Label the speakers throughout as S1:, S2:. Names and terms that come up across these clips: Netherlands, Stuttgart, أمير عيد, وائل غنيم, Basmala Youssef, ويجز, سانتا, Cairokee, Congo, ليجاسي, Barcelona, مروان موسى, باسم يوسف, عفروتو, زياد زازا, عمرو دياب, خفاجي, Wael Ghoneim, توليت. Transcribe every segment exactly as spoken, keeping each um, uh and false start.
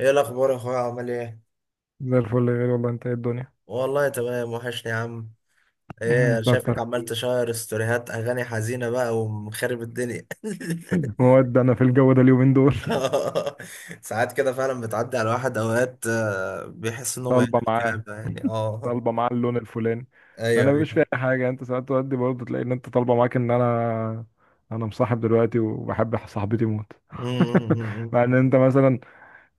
S1: ايه الاخبار يا اخويا عامل ايه؟
S2: زي الفل يا غالي، والله. انت ايه الدنيا؟
S1: والله تمام وحشني يا عم. ايه أنا
S2: انت
S1: شايفك
S2: اكتر
S1: عمال تشير ستوريهات اغاني حزينه بقى ومخرب الدنيا.
S2: مواد. انا في الجو ده اليومين دول.
S1: ساعات كده فعلا بتعدي على واحد اوقات، آه، بيحس انه ما
S2: طالبه
S1: يعمل
S2: معاه،
S1: كده يعني. اه،
S2: طالبه معاه اللون الفلاني.
S1: ايوه،
S2: انا مش فاهم
S1: ايوه.
S2: اي حاجه، انت ساعات تودي برضه تلاقي ان انت طالبه معاك ان انا انا مصاحب دلوقتي وبحب صاحبتي موت.
S1: أمم.
S2: مع ان انت مثلا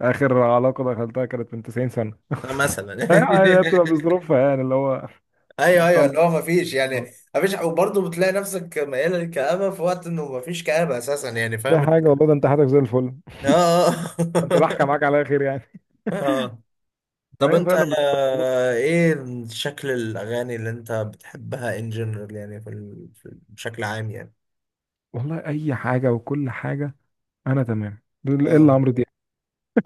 S2: اخر علاقه دخلتها كانت من تسعين سنة سنه.
S1: مثلا.
S2: اي عادي، هي بتبقى بظروفها يعني اللي هو
S1: ايوه، ايوه،
S2: طالبه.
S1: اللي هو ما فيش يعني. ما فيش، وبرضه بتلاقي نفسك ميال للكآبه في وقت انه ما فيش كآبه اساسا، يعني
S2: في
S1: فاهم
S2: حاجه والله،
S1: الفكرة؟
S2: ده انت حياتك زي الفل، ده انت
S1: اه.
S2: ضحكه معاك على خير يعني.
S1: اه. طب
S2: فهي
S1: انت،
S2: فعلا بتبقى بظروف.
S1: آه، ايه شكل الاغاني اللي انت بتحبها ان جنرال، يعني في ال- في- بشكل عام يعني.
S2: والله اي حاجه وكل حاجه. انا تمام دول
S1: اه،
S2: الا عمرو دياب.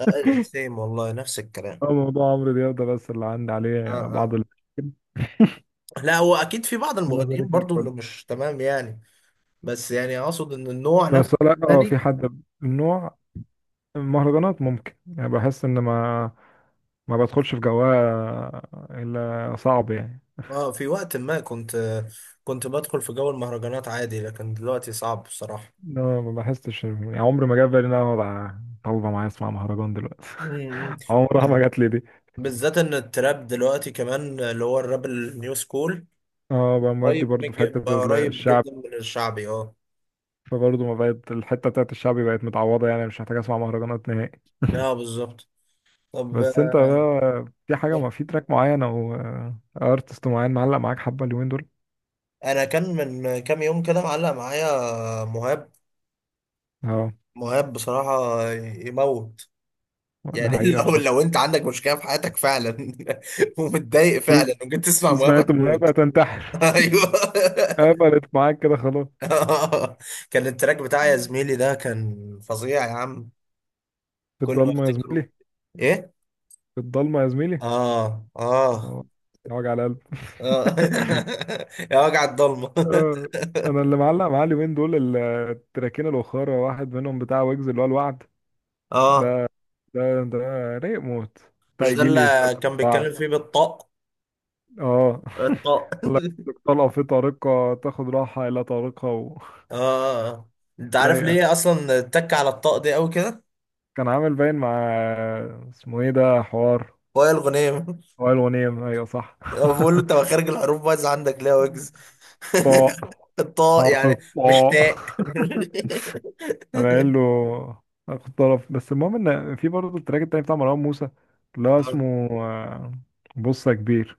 S1: ايوه، سيم والله، نفس الكلام.
S2: اه، موضوع عمرو دياب ده بس اللي عندي عليه
S1: اه، اه،
S2: بعض المشاكل.
S1: لا، هو اكيد في بعض
S2: أنا
S1: المغنيين
S2: ذلك زي
S1: برضو
S2: الفل.
S1: اللي مش تمام يعني. بس يعني اقصد ان النوع نفسه
S2: بس لا، اه في
S1: تاني.
S2: حد من نوع المهرجانات ممكن، يعني بحس ان ما ما بدخلش في جواها، الا صعب يعني.
S1: اه، في وقت ما كنت كنت بدخل في جو المهرجانات عادي، لكن دلوقتي صعب بصراحة.
S2: لا ما بحسش يعني، عمري ما جاب بالي ان انا اقعد طالبه معايا اسمع مهرجان دلوقتي.
S1: مم.
S2: عمرها
S1: بز-
S2: ما جات لي دي.
S1: بالذات ان التراب دلوقتي كمان اللي هو الراب النيو سكول
S2: اه بقى مودي
S1: قريب من
S2: برضه في
S1: الج-
S2: حته
S1: قريب
S2: الشعب،
S1: جدا من الشعبي. اه،
S2: فبرضه ما بقت الحته بتاعت الشعبي، بقت متعوضه يعني مش محتاج اسمع مهرجانات نهائي.
S1: اه، بالظبط. طب،
S2: بس انت
S1: آه،
S2: بقى، في حاجة؟ ما في تراك معين او ارتست معين معلق معاك حبة اليومين دول؟
S1: انا كان من كام يوم كده معلق معايا مهاب.
S2: اه
S1: مهاب بصراحة يموت
S2: ده
S1: يعني.
S2: حقيقة
S1: لو
S2: بصراحة.
S1: لو انت عندك مشكلة في حياتك فعلا، ومتضايق فعلا، وجيت تسمع مهاب،
S2: سمعت
S1: هتموت.
S2: المهابة تنتحر،
S1: ايوه.
S2: قبلت معاك كده خلاص.
S1: كان التراك بتاع يا زميلي ده كان فظيع يا عم.
S2: في
S1: كل ما
S2: الضلمة يا
S1: افتكره.
S2: زميلي،
S1: ايه؟
S2: في الضلمة يا زميلي.
S1: اه، اه،
S2: اه ده وجع القلب.
S1: اه. يا وجع الضلمة.
S2: اه، انا اللي معلق معايا اليومين دول ال- التراكين الاخرى. واحد منهم بتاع ويجز اللي هو الوعد.
S1: اه،
S2: ده ده ده رايق موت، بتاع
S1: مش ده
S2: يجي لي يستلم.
S1: اللي كان بيتكلم فيه
S2: الوعد
S1: بالطاق؟
S2: اه.
S1: الطاق.
S2: طلقة في طريقة، تاخد راحة إلى طريقة و...
S1: اه، انت عارف
S2: رايقة.
S1: ليه اصلا اتك على الطاق دي قوي كده؟
S2: كان عامل باين مع، اسمه ايه ده، حوار
S1: وائل غنيم.
S2: وائل غنيم، ايوه صح.
S1: هو بيقول له انت مخارج الحروف بايظ عندك ليه يا ويجز.
S2: طاء،
S1: الطاق
S2: حرف
S1: يعني، مش
S2: الطاء.
S1: تاء.
S2: انا قايل له اخد طرف. بس المهم ان في برضه التراك التاني بتاع مروان موسى اللي هو
S1: آه.
S2: اسمه آه، بص يا كبير.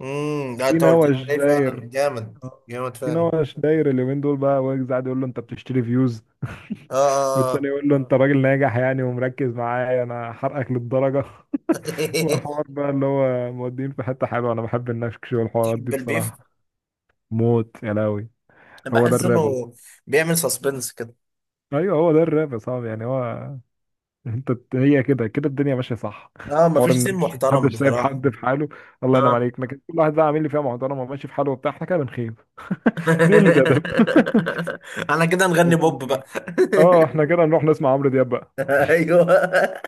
S1: امم، لا،
S2: في
S1: انت قلت
S2: نوش
S1: لي فعلا
S2: داير،
S1: جامد جامد
S2: في
S1: فعلا.
S2: نوش داير اليومين دول بقى، ويجز قاعد يقول له انت بتشتري فيوز.
S1: اه، آه، آه.
S2: والتاني يقول له انت راجل ناجح يعني، ومركز معايا انا حرقك للدرجة. وحوار بقى اللي هو مودين في حتة حلوة، أنا بحب النكش والحوارات دي
S1: تحب البيف.
S2: بصراحة، موت يا لهوي. هو ده
S1: بحس
S2: الراب أصلا،
S1: انه بيعمل سسبنس كده.
S2: أيوه هو ده الراب يا صاحبي يعني. هو أنت، هي كده كده الدنيا ماشية صح.
S1: اه،
S2: حوار
S1: مفيش سين
S2: النكش،
S1: محترم
S2: محدش سايب
S1: بصراحة.
S2: حد في حاله. الله ينعم
S1: اه.
S2: عليك، لكن كل واحد بقى عامل لي فيها محترمة وماشي في حاله وبتاع، إحنا كده بنخيب. دي قلة أدب.
S1: انا كده نغني بوب
S2: لكن
S1: بقى.
S2: أه، إحنا كده نروح نسمع عمرو دياب بقى.
S1: ايوه.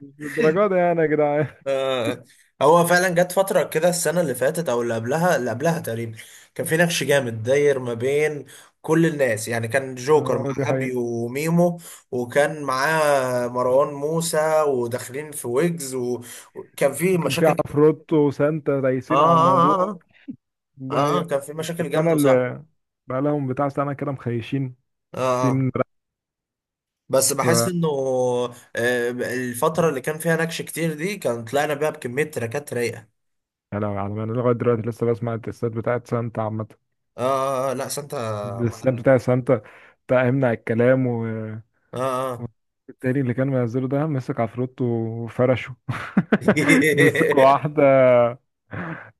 S2: مش للدرجة دي يعني يا جدعان.
S1: آه، هو فعلا جت فترة كده السنة اللي فاتت أو اللي قبلها، اللي قبلها تقريبا، كان في نقش جامد داير ما بين كل الناس، يعني كان جوكر مع
S2: أه دي
S1: أبي
S2: حقيقة.
S1: وميمو، وكان معاه مروان موسى، وداخلين في ويجز و- وكان في
S2: كان في
S1: مشاكل كتير.
S2: عفروتو وسانتا
S1: آه،
S2: دايسين على
S1: آه،
S2: الموضوع
S1: آه،
S2: ده،
S1: آه، آه،
S2: هي
S1: كان في
S2: بس.
S1: مشاكل
S2: السنة
S1: جامدة وصح.
S2: اللي بقى لهم بتاع سنة كده مخيشين،
S1: آه، آه.
S2: سين رف.
S1: بس بحس انه، آه، الفترة اللي كان فيها نكش كتير دي كان طلعنا بيها بكمية تراكات رايقة.
S2: يا لهوي، على ما انا لغاية دلوقتي لسه بسمع الدسات بتاعت سانتا عامة.
S1: اه، آه، آه، لا، سانتا
S2: الدسات
S1: معلم.
S2: بتاع سانتا، بتاع امنع الكلام، والتاني
S1: اه، اه.
S2: اللي كان منزله ده مسك عفروت وفرشه. مسك واحدة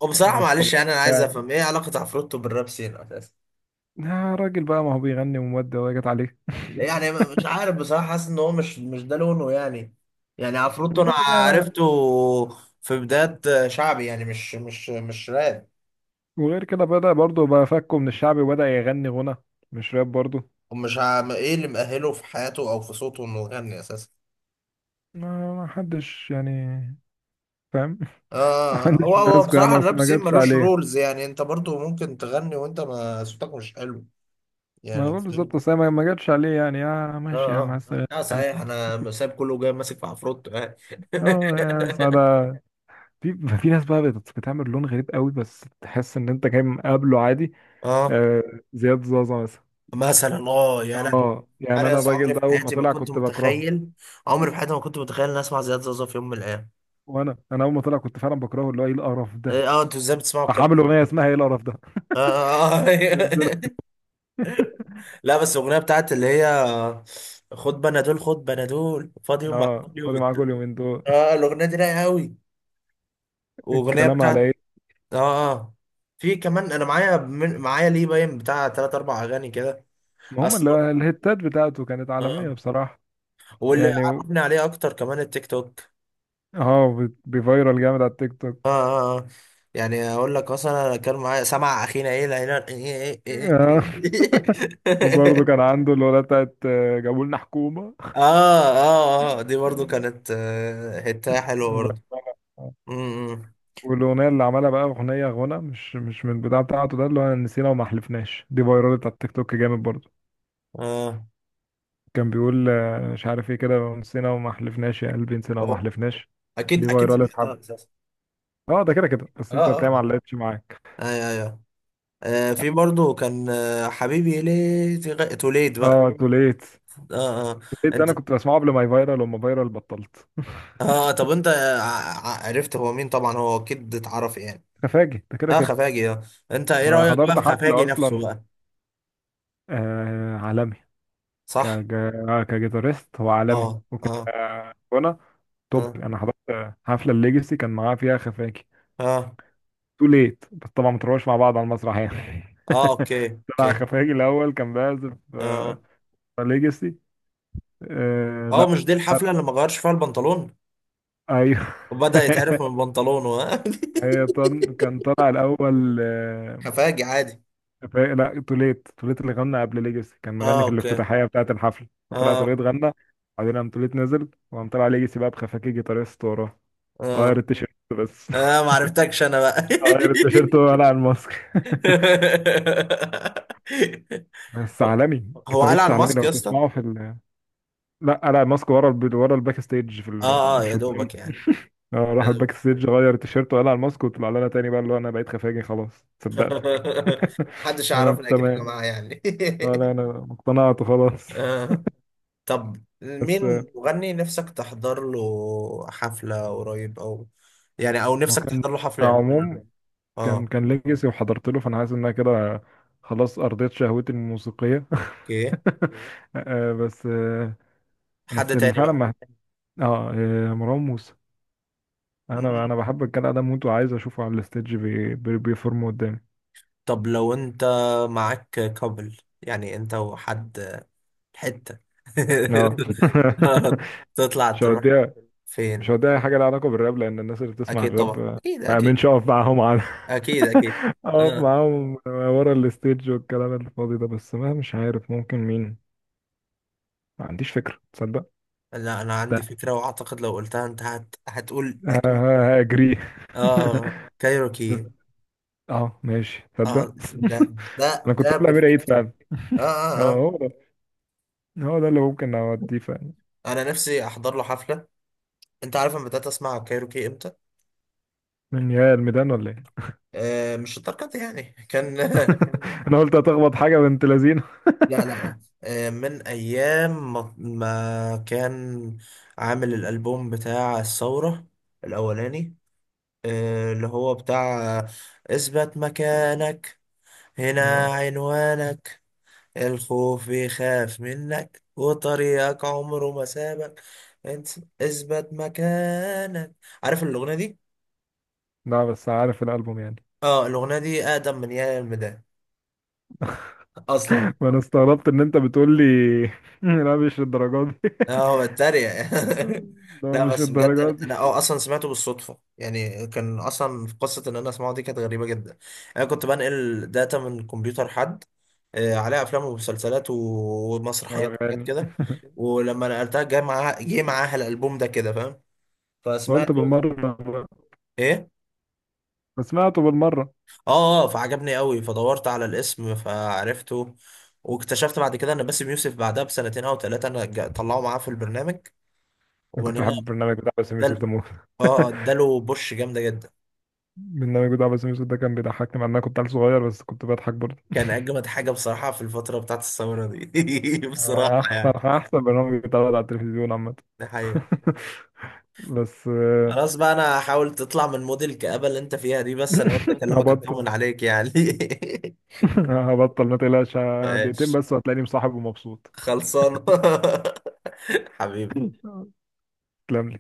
S1: وبصراحة
S2: مش
S1: معلش
S2: طبيعي
S1: يعني، انا عايز
S2: يعني.
S1: افهم ايه علاقة عفروتو بالراب سين اساسا.
S2: يا راجل بقى، ما هو بيغني ومودة وهي جت عليه.
S1: يعني م- مش عارف بصراحة، حاسس ان هو مش مش ده لونه يعني. يعني عفروتو انا
S2: المهم ده ما،
S1: عرفته في بداية شعبي، يعني مش مش مش راب.
S2: وغير كده بدأ برضه بقى فكه من الشعبي، وبدأ يغني غنى مش راب برضه.
S1: ومش عم- ايه اللي مأهله في حياته او في صوته انه يغني اساسا؟
S2: ما ما حدش يعني فاهم.
S1: آه هو
S2: محدش
S1: هو
S2: ماسكه يا
S1: بصراحة
S2: ما، اصل
S1: الراب
S2: ما
S1: سين
S2: جاتش
S1: ملوش
S2: عليه.
S1: رولز، يعني انت برضو ممكن تغني وانت ما صوتك مش حلو.
S2: ما انا
S1: يعني
S2: بقول بالظبط،
S1: فاهم.
S2: اصل هي ما ما جاتش عليه يعني، يا
S1: اه،
S2: ماشي يا مع
S1: اه،
S2: السلامه
S1: اه،
S2: يعني.
S1: صحيح، انا سايب كله جاي ماسك في عفروتو يعني.
S2: اه يا سعادة. في في ناس بقى بت- بتعمل لون غريب قوي، بس تحس ان انت جاي مقابله عادي.
S1: اه،
S2: آه زياد زازا مثلا،
S1: مثلا. اه، يا لهوي.
S2: اه يعني
S1: انا يا
S2: انا
S1: اسطى
S2: الراجل
S1: عمري
S2: ده
S1: في
S2: اول ما
S1: حياتي ما
S2: طلع
S1: كنت
S2: كنت بكرهه.
S1: متخيل، عمري في حياتي ما كنت متخيل اني اسمع زياد زازا في يوم من الايام.
S2: وانا انا اول ما طلع كنت فعلا بكرهه، اللي هو ايه القرف ده.
S1: إيه، اه، انتوا ازاي بتسمعوا
S2: راح
S1: الكلام؟
S2: عامل اغنيه اسمها ايه القرف ده،
S1: آه، آه، آه.
S2: نزلها.
S1: لا، بس الاغنيه بتاعت اللي هي خد بنادول، خد بنادول، فاضي يوم مع كل
S2: اه
S1: يوم
S2: فاضي معاك
S1: الدول.
S2: اليومين دول،
S1: اه، الاغنيه دي رايقه قوي، واغنيه
S2: كلام على
S1: بتاعت.
S2: ايه؟
S1: اه، اه، في كمان انا معايا من... معايا ليه باين بتاع تلات اربع اغاني كده.
S2: ما هم
S1: اصل.
S2: ال- الهتات بتاعته كانت عالميه
S1: اه،
S2: بصراحه،
S1: واللي
S2: يعني
S1: عرفني عليه اكتر كمان التيك توك.
S2: اه بي- بيفيرال جامد على التيك توك.
S1: اه، اه، آه. يعني اقول لك مثلا، انا كان معايا سمع اخينا ايه العيلة إيه إيه
S2: آه، وبرضه
S1: إيه.
S2: كان عنده الأغنية بتاعت آه، جابوا لنا حكومة.
S1: اه، اه، اه، دي برضو
S2: آه.
S1: كانت، آه، حتة حلوة برضو. امم.
S2: والأغنية اللي عملها بقى، أغنية غنى مش مش من البتاع بتاعته ده، اللي هو نسينا وما حلفناش، دي فيرالت على التيك توك جامد برضه.
S1: اه.
S2: كان بيقول آه، مش عارف ايه كده، نسينا وما حلفناش يا قلبي، نسينا وما
S1: أو-
S2: حلفناش. دي
S1: اكيد اكيد
S2: فيرالت حب،
S1: سمعتها اساسا.
S2: اه ده كده كده. بس
S1: اه،
S2: انت هتلاقيها ما
S1: اه،
S2: علقتش معاك.
S1: ايوه، ايوه. آه في برضو كان، آه، حبيبي ليه تغ... توليد بقى.
S2: اه توليت،
S1: اه، اه،
S2: توليت ده انا
S1: انت.
S2: كنت بسمعه قبل ما يفيرال، وما فيرال بطلت.
S1: اه، طب انت، آه، ع- ع- عرفت هو مين طبعا، هو اكيد اتعرف يعني.
S2: تفاجئ ده كده
S1: اه،
S2: كده.
S1: خفاجي. اه، انت ايه
S2: انا
S1: رأيك بقى
S2: حضرت
S1: في
S2: حفلة
S1: خفاجي نفسه
S2: اصلا،
S1: بقى؟
S2: آه عالمي. ك
S1: صح.
S2: ج- آه، كجيتارست هو عالمي،
S1: اه،
S2: وك
S1: اه،
S2: آه، غنى توب.
S1: اه،
S2: انا حضرت آه، حفله الليجاسي، كان معاه فيها خفاجي
S1: اه،
S2: تو ليت. بس طبعا ما تروحوش مع بعض على المسرح يعني.
S1: اه، اوكي،
S2: طلع
S1: اوكي.
S2: خفاجي الاول كان بيعزف، آه،
S1: اه،
S2: ليجاسي آه
S1: اه،
S2: لا
S1: مش دي الحفلة اللي ما غيرش فيها البنطلون،
S2: ايوه.
S1: وبدأ يتعرف من بنطلونه؟ آه.
S2: هي طن، كان طلع الاول آه،
S1: خفاجي عادي.
S2: خفا- لا توليت، توليت اللي غنى قبل ليجاسي، كان
S1: اه،
S2: مغني في
S1: اوكي.
S2: الافتتاحيه بتاعه الحفله. فطلع
S1: اه،
S2: توليت غنى، بعدين قام توليت نزل، وقام طلع ليجاسي بقى بخفاجي جيتاريست وراه، غير
S1: اه،
S2: التيشيرت بس.
S1: اه، ما عرفتكش انا بقى.
S2: غير التيشيرت وقلع الماسك. بس عالمي،
S1: هو قال
S2: كيتاريست
S1: على
S2: عالمي
S1: الماسك
S2: لو
S1: يا اسطى.
S2: تسمعه في ال... لا قلع الماسك ورا الب... ورا الباك ستيج في ال...
S1: اه، اه، يا
S2: مش قدام.
S1: دوبك يعني.
S2: آه، راح
S1: أنا-
S2: الباك ستيج، غير التيشيرت وقلع الماسك، وطلع لنا تاني بقى، اللي هو انا بقيت خفاجي خلاص، صدقتك.
S1: محدش
S2: انا
S1: يعرفنا اكيد يا
S2: تمام،
S1: جماعة يعني.
S2: آه، لا انا اقتنعت خلاص.
S1: آه. طب،
S2: بس آه،
S1: مين مغني نفسك تحضر له حفلة قريب، او يعني، او
S2: هو
S1: نفسك
S2: كان
S1: تحضر له حفلة امتى؟
S2: كعموم، كان
S1: اه،
S2: كان ليجاسي، وحضرت له، فانا حاسس ان انا كده خلاص ارضيت شهوتي الموسيقيه.
S1: اوكي.
S2: آه، بس آه،
S1: حد
S2: بس اللي
S1: تاني
S2: فعلا
S1: بقى.
S2: ما، اه إيه، مروان موسى.
S1: مم.
S2: انا انا بحب الجدع ده موت، وعايز اشوفه على الستيج بي... بي... بيفرم قدامي.
S1: طب لو انت معاك كابل يعني، انت وحد حتة،
S2: اه.
S1: تطلع
S2: مش
S1: تروح
S2: هوديها، مش
S1: فين؟
S2: هوديها اي حاجه لها علاقه بالراب، لان الناس اللي بتسمع
S1: اكيد
S2: الراب
S1: طبعا،
S2: آه،
S1: اكيد،
S2: ما
S1: اكيد،
S2: امنش اقف معاهم على.
S1: اكيد، اكيد.
S2: اقف
S1: آه.
S2: معاهم ورا الستيج والكلام الفاضي ده، بس ما مش عارف ممكن مين. ما عنديش فكره تصدق.
S1: لا، انا
S2: ده
S1: عندي فكرة، واعتقد لو قلتها انت هت... هتقول
S2: ه-
S1: اكيد.
S2: ه- هاجريه.
S1: اه،
S2: بس
S1: كايروكي.
S2: اه ماشي تصدق.
S1: اه، ده ده
S2: انا كنت
S1: ده
S2: اقول امير عيد
S1: بيرفكتو.
S2: فعلا.
S1: اه،
S2: اه،
S1: اه، اه،
S2: هو ده هو ده اللي ممكن اوديه فعلا.
S1: انا نفسي احضر له حفلة. انت عارف انا بدأت اسمع كايروكي امتى؟
S2: من يا الميدان ولا إيه؟
S1: آه، مش الدرجة دي يعني، كان.
S2: انا قلت هتخبط حاجه بنت لذينه.
S1: لا، لا، لا، آه، من ايام ما... ما كان عامل الالبوم بتاع الثورة الاولاني، آه، اللي هو بتاع اثبت مكانك، هنا
S2: اه
S1: عنوانك، الخوف بيخاف منك، وطريقك عمره ما سابك، انت اثبت مكانك. عارف الاغنيه دي؟
S2: لا، بس عارف الالبوم يعني.
S1: اه، الاغنيه دي اقدم من يا الميدان اصلا.
S2: ما انا استغربت ان انت بتقول لي. لا مش الدرجات دي.
S1: اه، هو اتريق.
S2: ده
S1: لا،
S2: مش
S1: بس بجد انا
S2: الدرجات دي.
S1: انا اه اصلا سمعته بالصدفه يعني. كان اصلا في قصه ان انا اسمعه دي كانت غريبه جدا. انا كنت بنقل داتا من كمبيوتر حد، آه، عليها افلام ومسلسلات و- ومسرحيات
S2: آه،
S1: وحاجات
S2: غني.
S1: كده، ولما نقلتها جه معاها جه معاها الالبوم ده، كده فاهم.
S2: قلت
S1: فسمعته
S2: بالمره،
S1: ايه.
S2: ما سمعته بالمره.
S1: اه، آه، فعجبني قوي، فدورت على الاسم فعرفته. واكتشفت بعد كده ان باسم يوسف بعدها بسنتين او ثلاثه، انا جا- طلعوا معاه في البرنامج.
S2: انا
S1: ومن
S2: كنت
S1: هنا.
S2: بحب البرنامج بتاع باسم
S1: ادال.
S2: يوسف ده موت.
S1: اه، آه، اداله بوش جامده جدا.
S2: البرنامج بتاع باسم يوسف ده كان بيضحكني، مع ان انا كنت عيل صغير، بس كنت بضحك برضه.
S1: كان اجمد حاجه بصراحه في الفتره بتاعت الثوره دي، بصراحه
S2: آه، احسن
S1: يعني.
S2: احسن برنامج بيتعرض على التلفزيون عامه.
S1: دي حقيقه.
S2: بس آه،
S1: خلاص بقى، انا حاول تطلع من موديل الكآبة اللي انت فيها دي، بس انا قلت اكلمك
S2: هبطل.
S1: اطمن عليك يعني.
S2: هبطل ما تقلقش، دقيقتين
S1: ماشي،
S2: بس وهتلاقيني مصاحب ومبسوط.
S1: خلصان. حبيبي.
S2: تسلم لي.